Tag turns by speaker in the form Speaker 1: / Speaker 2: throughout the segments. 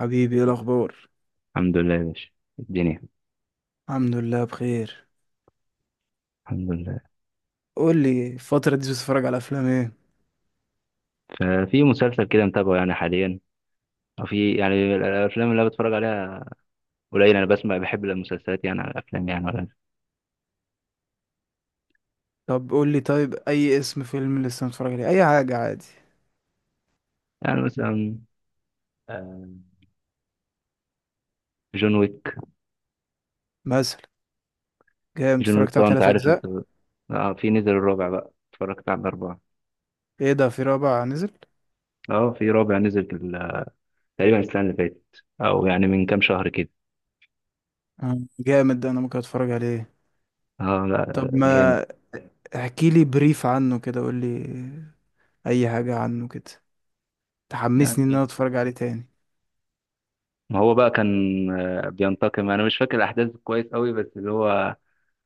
Speaker 1: حبيبي ايه الاخبار؟
Speaker 2: الحمد لله يا باشا. الدنيا.
Speaker 1: الحمد لله بخير.
Speaker 2: الحمد لله.
Speaker 1: قول لي الفتره دي بتتفرج على افلام ايه؟
Speaker 2: ففي مسلسل كده متابعه يعني حاليا، أو في يعني الافلام اللي أنا بتفرج عليها قليل. انا بسمع بحب المسلسلات يعني على الافلام يعني ولا.
Speaker 1: طب قول لي طيب اي اسم فيلم لسه متفرج عليه اي حاجه عادي.
Speaker 2: يعني مثلا، آه، جون ويك.
Speaker 1: مثلا جامد،
Speaker 2: جون ويك
Speaker 1: اتفرجت على
Speaker 2: طبعا انت
Speaker 1: تلات
Speaker 2: عارف
Speaker 1: اجزاء.
Speaker 2: انت. اه، في نزل الرابع بقى، اتفرجت على الاربعه.
Speaker 1: ايه ده، في رابع نزل؟
Speaker 2: اه، في رابع نزل في تقريبا السنه اللي فاتت او يعني من كام شهر كده.
Speaker 1: جامد، ده انا ممكن اتفرج عليه.
Speaker 2: اه لا
Speaker 1: طب
Speaker 2: جامد.
Speaker 1: ما احكي لي بريف عنه كده، قول لي اي حاجه عنه كده تحمسني ان
Speaker 2: يعني
Speaker 1: انا اتفرج عليه تاني.
Speaker 2: ما هو بقى كان بينتقم. انا مش فاكر الاحداث كويس قوي، بس اللي هو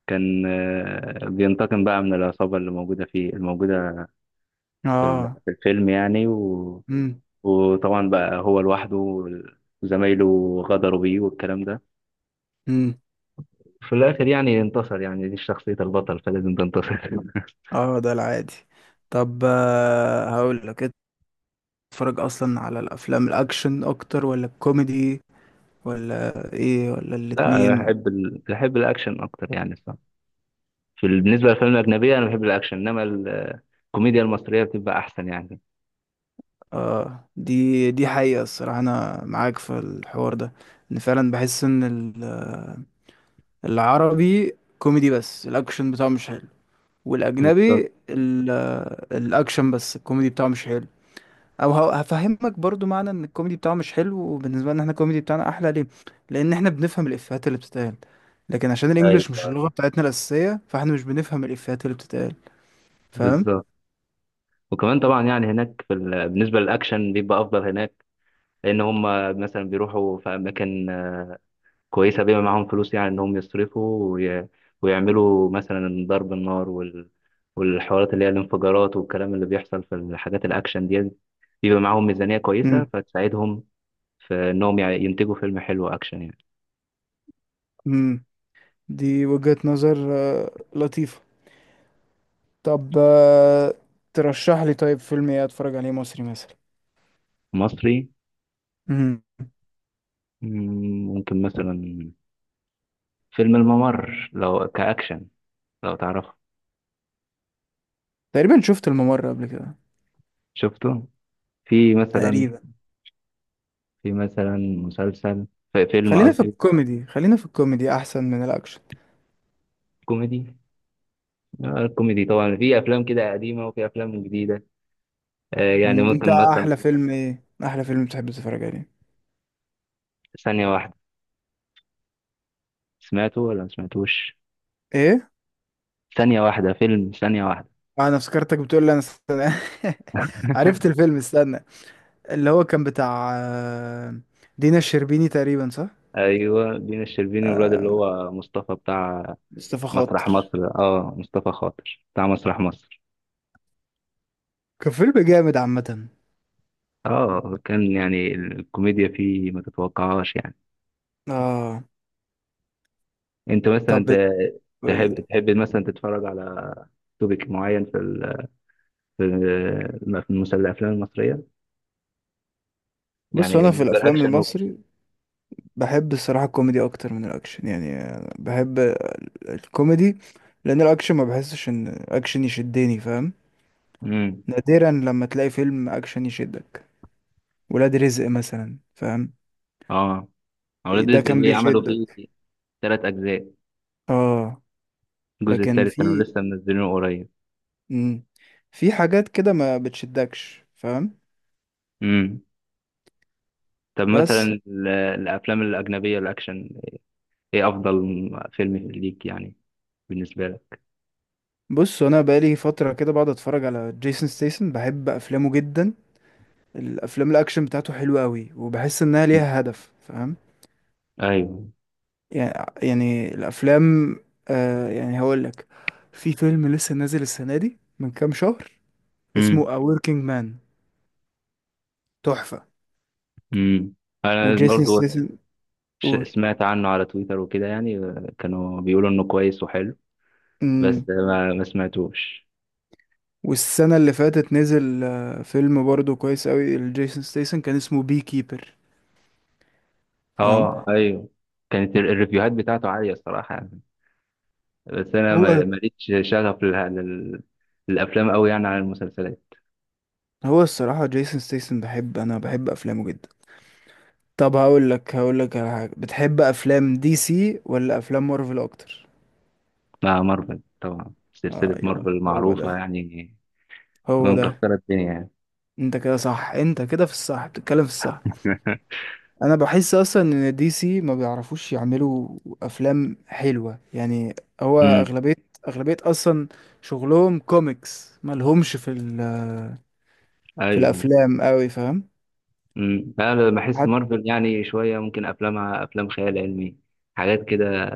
Speaker 2: كان بينتقم بقى من العصابة اللي موجودة
Speaker 1: اه.
Speaker 2: في الفيلم يعني
Speaker 1: امم
Speaker 2: وطبعا بقى هو لوحده وزمايله غدروا بيه والكلام ده.
Speaker 1: امم
Speaker 2: في الآخر يعني انتصر، يعني دي شخصية البطل فلازم تنتصر.
Speaker 1: اه ده العادي. طب هقول لك، بتتفرج اصلا على الافلام الاكشن اكتر ولا الكوميدي ولا ايه ولا
Speaker 2: لا أنا
Speaker 1: الاتنين؟
Speaker 2: بحب الأكشن أكتر يعني الصراحة. بالنسبة للأفلام الأجنبية أنا بحب الأكشن، إنما الكوميديا المصرية بتبقى أحسن يعني.
Speaker 1: اه، دي حقيقة، الصراحة انا معاك في الحوار ده، ان فعلا بحس ان العربي كوميدي بس الاكشن بتاعه مش حلو،
Speaker 2: بالظبط.
Speaker 1: والاجنبي الاكشن بس الكوميدي بتاعه مش حلو. او هفهمك برضو معنى ان الكوميدي بتاعه مش حلو، وبالنسبه لنا احنا الكوميدي بتاعنا احلى ليه. لان احنا بنفهم الافيهات اللي بتتقال، لكن عشان الانجليش مش
Speaker 2: أيوه،
Speaker 1: اللغه بتاعتنا الاساسيه فاحنا مش بنفهم الافيهات اللي بتتقال. فاهم؟
Speaker 2: بالظبط. وكمان طبعا يعني هناك بالنسبة للأكشن بيبقى أفضل هناك، لان هم مثلا بيروحوا في اماكن كويسه، بيبقى معاهم فلوس يعني انهم يصرفوا ويعملوا مثلا ضرب النار والحوارات اللي هي الانفجارات والكلام اللي بيحصل في الحاجات الاكشن دي. بيبقى معاهم ميزانيه كويسه
Speaker 1: امم
Speaker 2: فتساعدهم في انهم ينتجوا فيلم حلو اكشن يعني.
Speaker 1: امم دي وجهة نظر لطيفه. طب ترشح لي طيب فيلم ايه اتفرج عليه مصري مثلا.
Speaker 2: مصري.
Speaker 1: امم.
Speaker 2: ممكن مثلا فيلم الممر لو كاكشن، لو تعرفه.
Speaker 1: تقريبا شفت الممر قبل كده.
Speaker 2: شفته. في مثلا
Speaker 1: تقريبا.
Speaker 2: في مثلا مسلسل. في فيلم
Speaker 1: خلينا في
Speaker 2: قصدي.
Speaker 1: الكوميدي، خلينا في الكوميدي احسن من الاكشن.
Speaker 2: كوميدي. الكوميدي طبعا في افلام كده قديمه وفي افلام جديده. يعني
Speaker 1: مم. انت
Speaker 2: ممكن مثلا.
Speaker 1: احلى فيلم ايه، احلى فيلم بتحب تتفرج عليه؟
Speaker 2: ثانيه واحده. سمعته ولا ما سمعتوش؟
Speaker 1: ايه؟
Speaker 2: ثانيه واحده، فيلم ثانيه واحده.
Speaker 1: انا افتكرتك بتقول لي انا استنى. عرفت الفيلم استنى، اللي هو كان بتاع دينا الشربيني تقريبا، صح؟
Speaker 2: ايوه، دينا الشربيني والواد اللي
Speaker 1: آه،
Speaker 2: هو مصطفى بتاع
Speaker 1: مصطفى
Speaker 2: مسرح
Speaker 1: خاطر.
Speaker 2: مصر. اه، مصطفى خاطر بتاع مسرح مصر.
Speaker 1: كان فيلم جامد عامة.
Speaker 2: اه، كان يعني الكوميديا فيه ما تتوقعهاش يعني.
Speaker 1: اه.
Speaker 2: انت
Speaker 1: طب
Speaker 2: مثلا ت-
Speaker 1: بال-
Speaker 2: تحب تحب مثلا تتفرج على توبيك معين في المسلسل الافلام المصريه؟ يعني
Speaker 1: بص انا في
Speaker 2: بالنسبه
Speaker 1: الافلام
Speaker 2: للاكشن
Speaker 1: المصري بحب الصراحة الكوميدي اكتر من الاكشن، يعني أنا بحب الكوميدي، لان الاكشن ما بحسش ان اكشن يشدني، فاهم؟
Speaker 2: مم.
Speaker 1: نادرا لما تلاقي فيلم اكشن يشدك. ولاد رزق مثلا، فاهم؟
Speaker 2: اه، أولاد
Speaker 1: ده
Speaker 2: رزق
Speaker 1: كان
Speaker 2: دي عملوا فيه
Speaker 1: بيشدك
Speaker 2: تلات أجزاء.
Speaker 1: اه.
Speaker 2: الجزء
Speaker 1: لكن
Speaker 2: التالت كانوا
Speaker 1: في،
Speaker 2: لسه منزلينه قريب.
Speaker 1: مم، في حاجات كده ما بتشدكش، فاهم؟
Speaker 2: امم. طب
Speaker 1: بس
Speaker 2: مثلا الأفلام الأجنبية الأكشن، إيه أفضل فيلم ليك يعني بالنسبة لك؟
Speaker 1: بص، انا بقالي فتره كده بقعد اتفرج على جيسون ستيسن، بحب افلامه جدا. الافلام الاكشن بتاعته حلوه قوي، وبحس انها
Speaker 2: مم.
Speaker 1: ليها هدف، فاهم؟
Speaker 2: أيوه.
Speaker 1: يعني، يعني الافلام، آه يعني هقول لك، في فيلم لسه نازل السنه دي من كام شهر اسمه
Speaker 2: امم.
Speaker 1: A Working Man، تحفه.
Speaker 2: امم، أنا
Speaker 1: وجيسون حلو
Speaker 2: برضو
Speaker 1: ستيسن.
Speaker 2: سمعت عنه على تويتر وكده، يعني كانوا بيقولوا إنه كويس وحلو، بس
Speaker 1: قول.
Speaker 2: ما سمعتوش.
Speaker 1: والسنة اللي فاتت نزل فيلم برضه كويس قوي لجيسون ستيسن كان اسمه بي كيبر. فاهم؟
Speaker 2: أه، أيوه. كانت الريفيوهات بتاعته عالية الصراحة يعني، بس أنا
Speaker 1: هو،
Speaker 2: ماليش شغف للأفلام أوي يعني عن المسلسلات.
Speaker 1: هو الصراحة جيسون ستيسن بحب، أنا بحب أفلامه جدا. طب هقول لك، هقول لك على حاجة. بتحب أفلام دي سي ولا أفلام مارفل أكتر؟
Speaker 2: لا، مارفل طبعا، سلسلة
Speaker 1: أيوه،
Speaker 2: مارفل
Speaker 1: هو ده،
Speaker 2: معروفة يعني،
Speaker 1: هو ده.
Speaker 2: مكسرة الدنيا يعني.
Speaker 1: أنت كده صح، أنت كده في الصح، بتتكلم في الصح. أنا بحس أصلا إن دي سي ما بيعرفوش يعملوا أفلام حلوة يعني. هو
Speaker 2: امم.
Speaker 1: أغلبية، أغلبية أصلا شغلهم كوميكس، ملهمش في في
Speaker 2: ايوه.
Speaker 1: الافلام قوي، فاهم؟
Speaker 2: امم. لا أنا بحس
Speaker 1: حد
Speaker 2: مارفل يعني شوية ممكن افلامها افلام خيال علمي، حاجات كده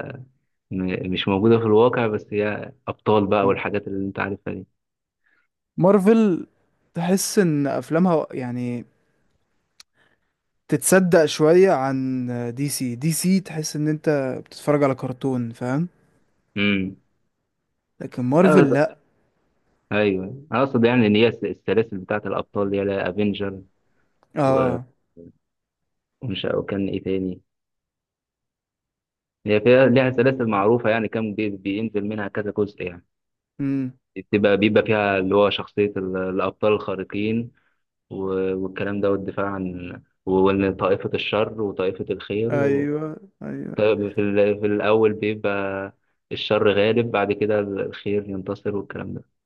Speaker 2: مش موجودة في الواقع، بس هي ابطال بقى والحاجات اللي انت عارفها دي.
Speaker 1: مارفل تحس ان افلامها يعني تتصدق شوية عن دي سي. دي سي تحس ان انت بتتفرج على كرتون، فاهم؟
Speaker 2: امم.
Speaker 1: لكن
Speaker 2: لا
Speaker 1: مارفل لا.
Speaker 2: ايوه، انا اقصد يعني ان هي السلاسل بتاعت الابطال اللي هي افنجر ومش،
Speaker 1: اه.
Speaker 2: وكان ايه تاني، هي فيها ليها سلاسل معروفة يعني، كان بينزل منها كذا جزء يعني.
Speaker 1: امم.
Speaker 2: بتبقى بيبقى فيها اللي هو شخصية الأبطال الخارقين والكلام ده والدفاع عن وإن طائفة الشر وطائفة الخير
Speaker 1: ايوه ايوه.
Speaker 2: طيب، في الأول بيبقى الشر غالب، بعد كده الخير ينتصر والكلام ده.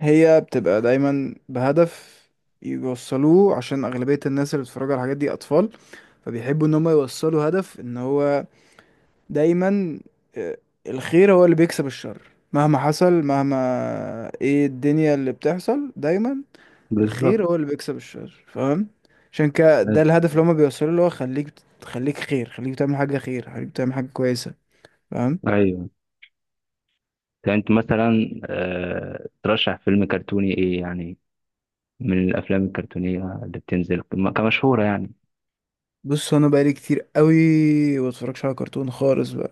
Speaker 1: هي بتبقى دايما بهدف يوصلوه، عشان اغلبية الناس اللي بتتفرج على الحاجات دي اطفال، فبيحبوا ان هم يوصلوا هدف ان هو دايما، آه، الخير هو اللي بيكسب الشر مهما حصل، مهما ايه الدنيا اللي بتحصل، دايما
Speaker 2: بالظبط.
Speaker 1: الخير هو اللي بيكسب الشر، فاهم؟ عشان كده ده
Speaker 2: أيوه.
Speaker 1: الهدف اللي هما بيوصلوا له، هو خليك، خليك خير، خليك تعمل حاجة خير، خليك تعمل حاجة كويسة، فاهم؟
Speaker 2: أيوه. يعني أنت مثلا ترشح فيلم كرتوني إيه يعني، من الأفلام الكرتونية اللي بتنزل كمشهورة يعني؟
Speaker 1: بص انا بقالي كتير قوي ما بتفرجش على كرتون خالص بقى.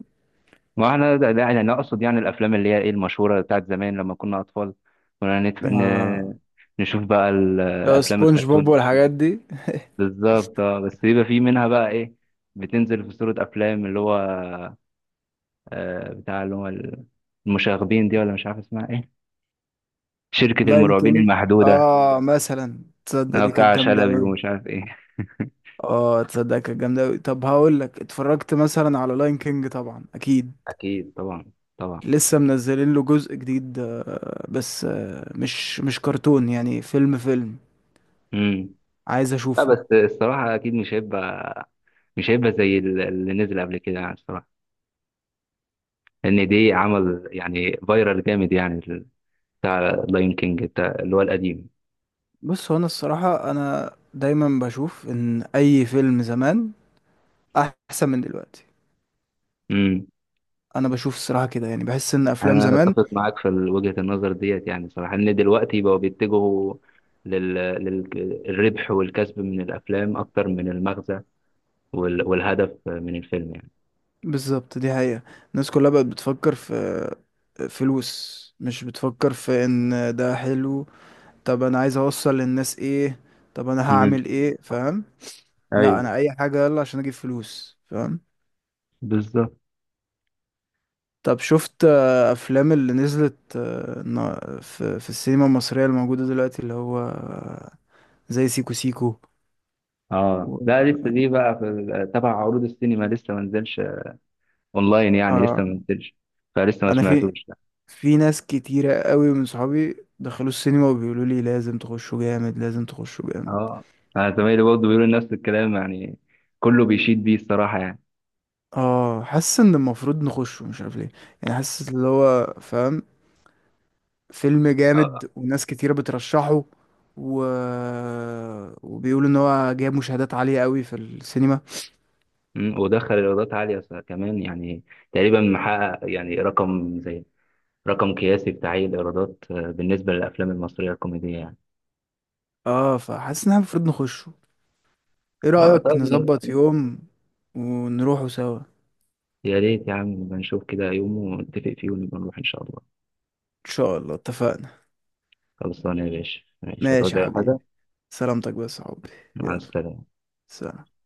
Speaker 2: ما احنا ده يعني انا اقصد يعني الافلام اللي هي ايه المشهوره بتاعت زمان لما كنا اطفال، كنا
Speaker 1: آه.
Speaker 2: نشوف بقى
Speaker 1: لو
Speaker 2: الافلام
Speaker 1: سبونج بوب
Speaker 2: الكرتون
Speaker 1: والحاجات
Speaker 2: دي.
Speaker 1: دي.
Speaker 2: بالظبط، اه، بس بيبقى في منها بقى ايه، بتنزل في صوره افلام اللي هو، بتاع اللي هو المشاغبين دي، ولا مش عارف اسمها ايه، شركه
Speaker 1: لاين
Speaker 2: المرعبين
Speaker 1: كينج،
Speaker 2: المحدوده،
Speaker 1: اه مثلا، تصدق
Speaker 2: اه
Speaker 1: دي كانت
Speaker 2: بتاع
Speaker 1: جامدة
Speaker 2: شلبي
Speaker 1: قوي.
Speaker 2: ومش عارف ايه.
Speaker 1: اه تصدق كانت جامدة أوي. طب هقول لك، اتفرجت مثلا على لاين كينج؟ طبعا أكيد.
Speaker 2: اكيد طبعا. طبعا.
Speaker 1: لسه منزلين له جزء جديد بس مش كرتون يعني، فيلم، فيلم.
Speaker 2: امم.
Speaker 1: عايز
Speaker 2: لا
Speaker 1: أشوفه.
Speaker 2: بس الصراحه اكيد مش هيبقى، مش هيبقى زي اللي نزل قبل كده يعني، الصراحه ان دي عمل يعني فايرال جامد يعني بتاع لاين كينج بتاع اللي هو القديم.
Speaker 1: بص هو أنا الصراحة أنا دايما بشوف إن أي فيلم زمان أحسن من دلوقتي.
Speaker 2: امم.
Speaker 1: أنا بشوف الصراحة كده، يعني بحس إن أفلام
Speaker 2: انا
Speaker 1: زمان.
Speaker 2: اتفق معاك في وجهة النظر ديت يعني، صراحة ان دلوقتي بقوا بيتجهوا للربح والكسب من الافلام اكتر من المغزى والهدف من الفيلم يعني.
Speaker 1: بالظبط، دي حقيقة. الناس كلها بقت بتفكر في فلوس، مش بتفكر في إن ده حلو، طب انا عايز اوصل للناس ايه، طب انا
Speaker 2: امم.
Speaker 1: هعمل ايه، فاهم؟ لا
Speaker 2: ايوه.
Speaker 1: انا اي حاجة يلا عشان اجيب فلوس، فاهم؟
Speaker 2: بالظبط.
Speaker 1: طب شفت افلام اللي نزلت في السينما المصرية الموجودة دلوقتي اللي هو زي سيكو سيكو
Speaker 2: اه
Speaker 1: و...
Speaker 2: لا، لسه دي بقى في تبع عروض السينما لسه ما نزلش اونلاين يعني، لسه ما
Speaker 1: آه.
Speaker 2: نزلش، فلسه ما
Speaker 1: انا في،
Speaker 2: سمعتوش.
Speaker 1: في ناس كتيرة قوي من صحابي دخلوا السينما وبيقولوا لي لازم تخشوا جامد، لازم تخشوا جامد.
Speaker 2: اه، انا زمايلي برضه بيقولوا نفس الكلام يعني، كله بيشيد بيه الصراحه يعني.
Speaker 1: اه حاسس ان المفروض نخشه، مش عارف ليه، يعني حاسس اللي هو، فاهم، فيلم
Speaker 2: اه.
Speaker 1: جامد وناس كتيرة بترشحه، و... وبيقولوا ان هو جايب مشاهدات عالية قوي في السينما.
Speaker 2: ودخل ايرادات عاليه كمان يعني، تقريبا محقق يعني رقم زي رقم قياسي في تعيين الايرادات، بالنسبه للافلام المصريه الكوميديه يعني.
Speaker 1: اه، فحاسس ان احنا المفروض نخشه. ايه
Speaker 2: اه
Speaker 1: رأيك
Speaker 2: طب،
Speaker 1: نظبط يوم ونروحوا سوا؟
Speaker 2: يا ريت يا عم نبقى نشوف كده يوم ونتفق فيه ونبقى نروح ان شاء الله.
Speaker 1: ان شاء الله، اتفقنا.
Speaker 2: خلصانه يا باشا، ماشي هتعوز
Speaker 1: ماشي يا
Speaker 2: اي حاجه.
Speaker 1: حبيبي، سلامتك بس يا حبي.
Speaker 2: مع
Speaker 1: يلا،
Speaker 2: السلامه.
Speaker 1: سلام.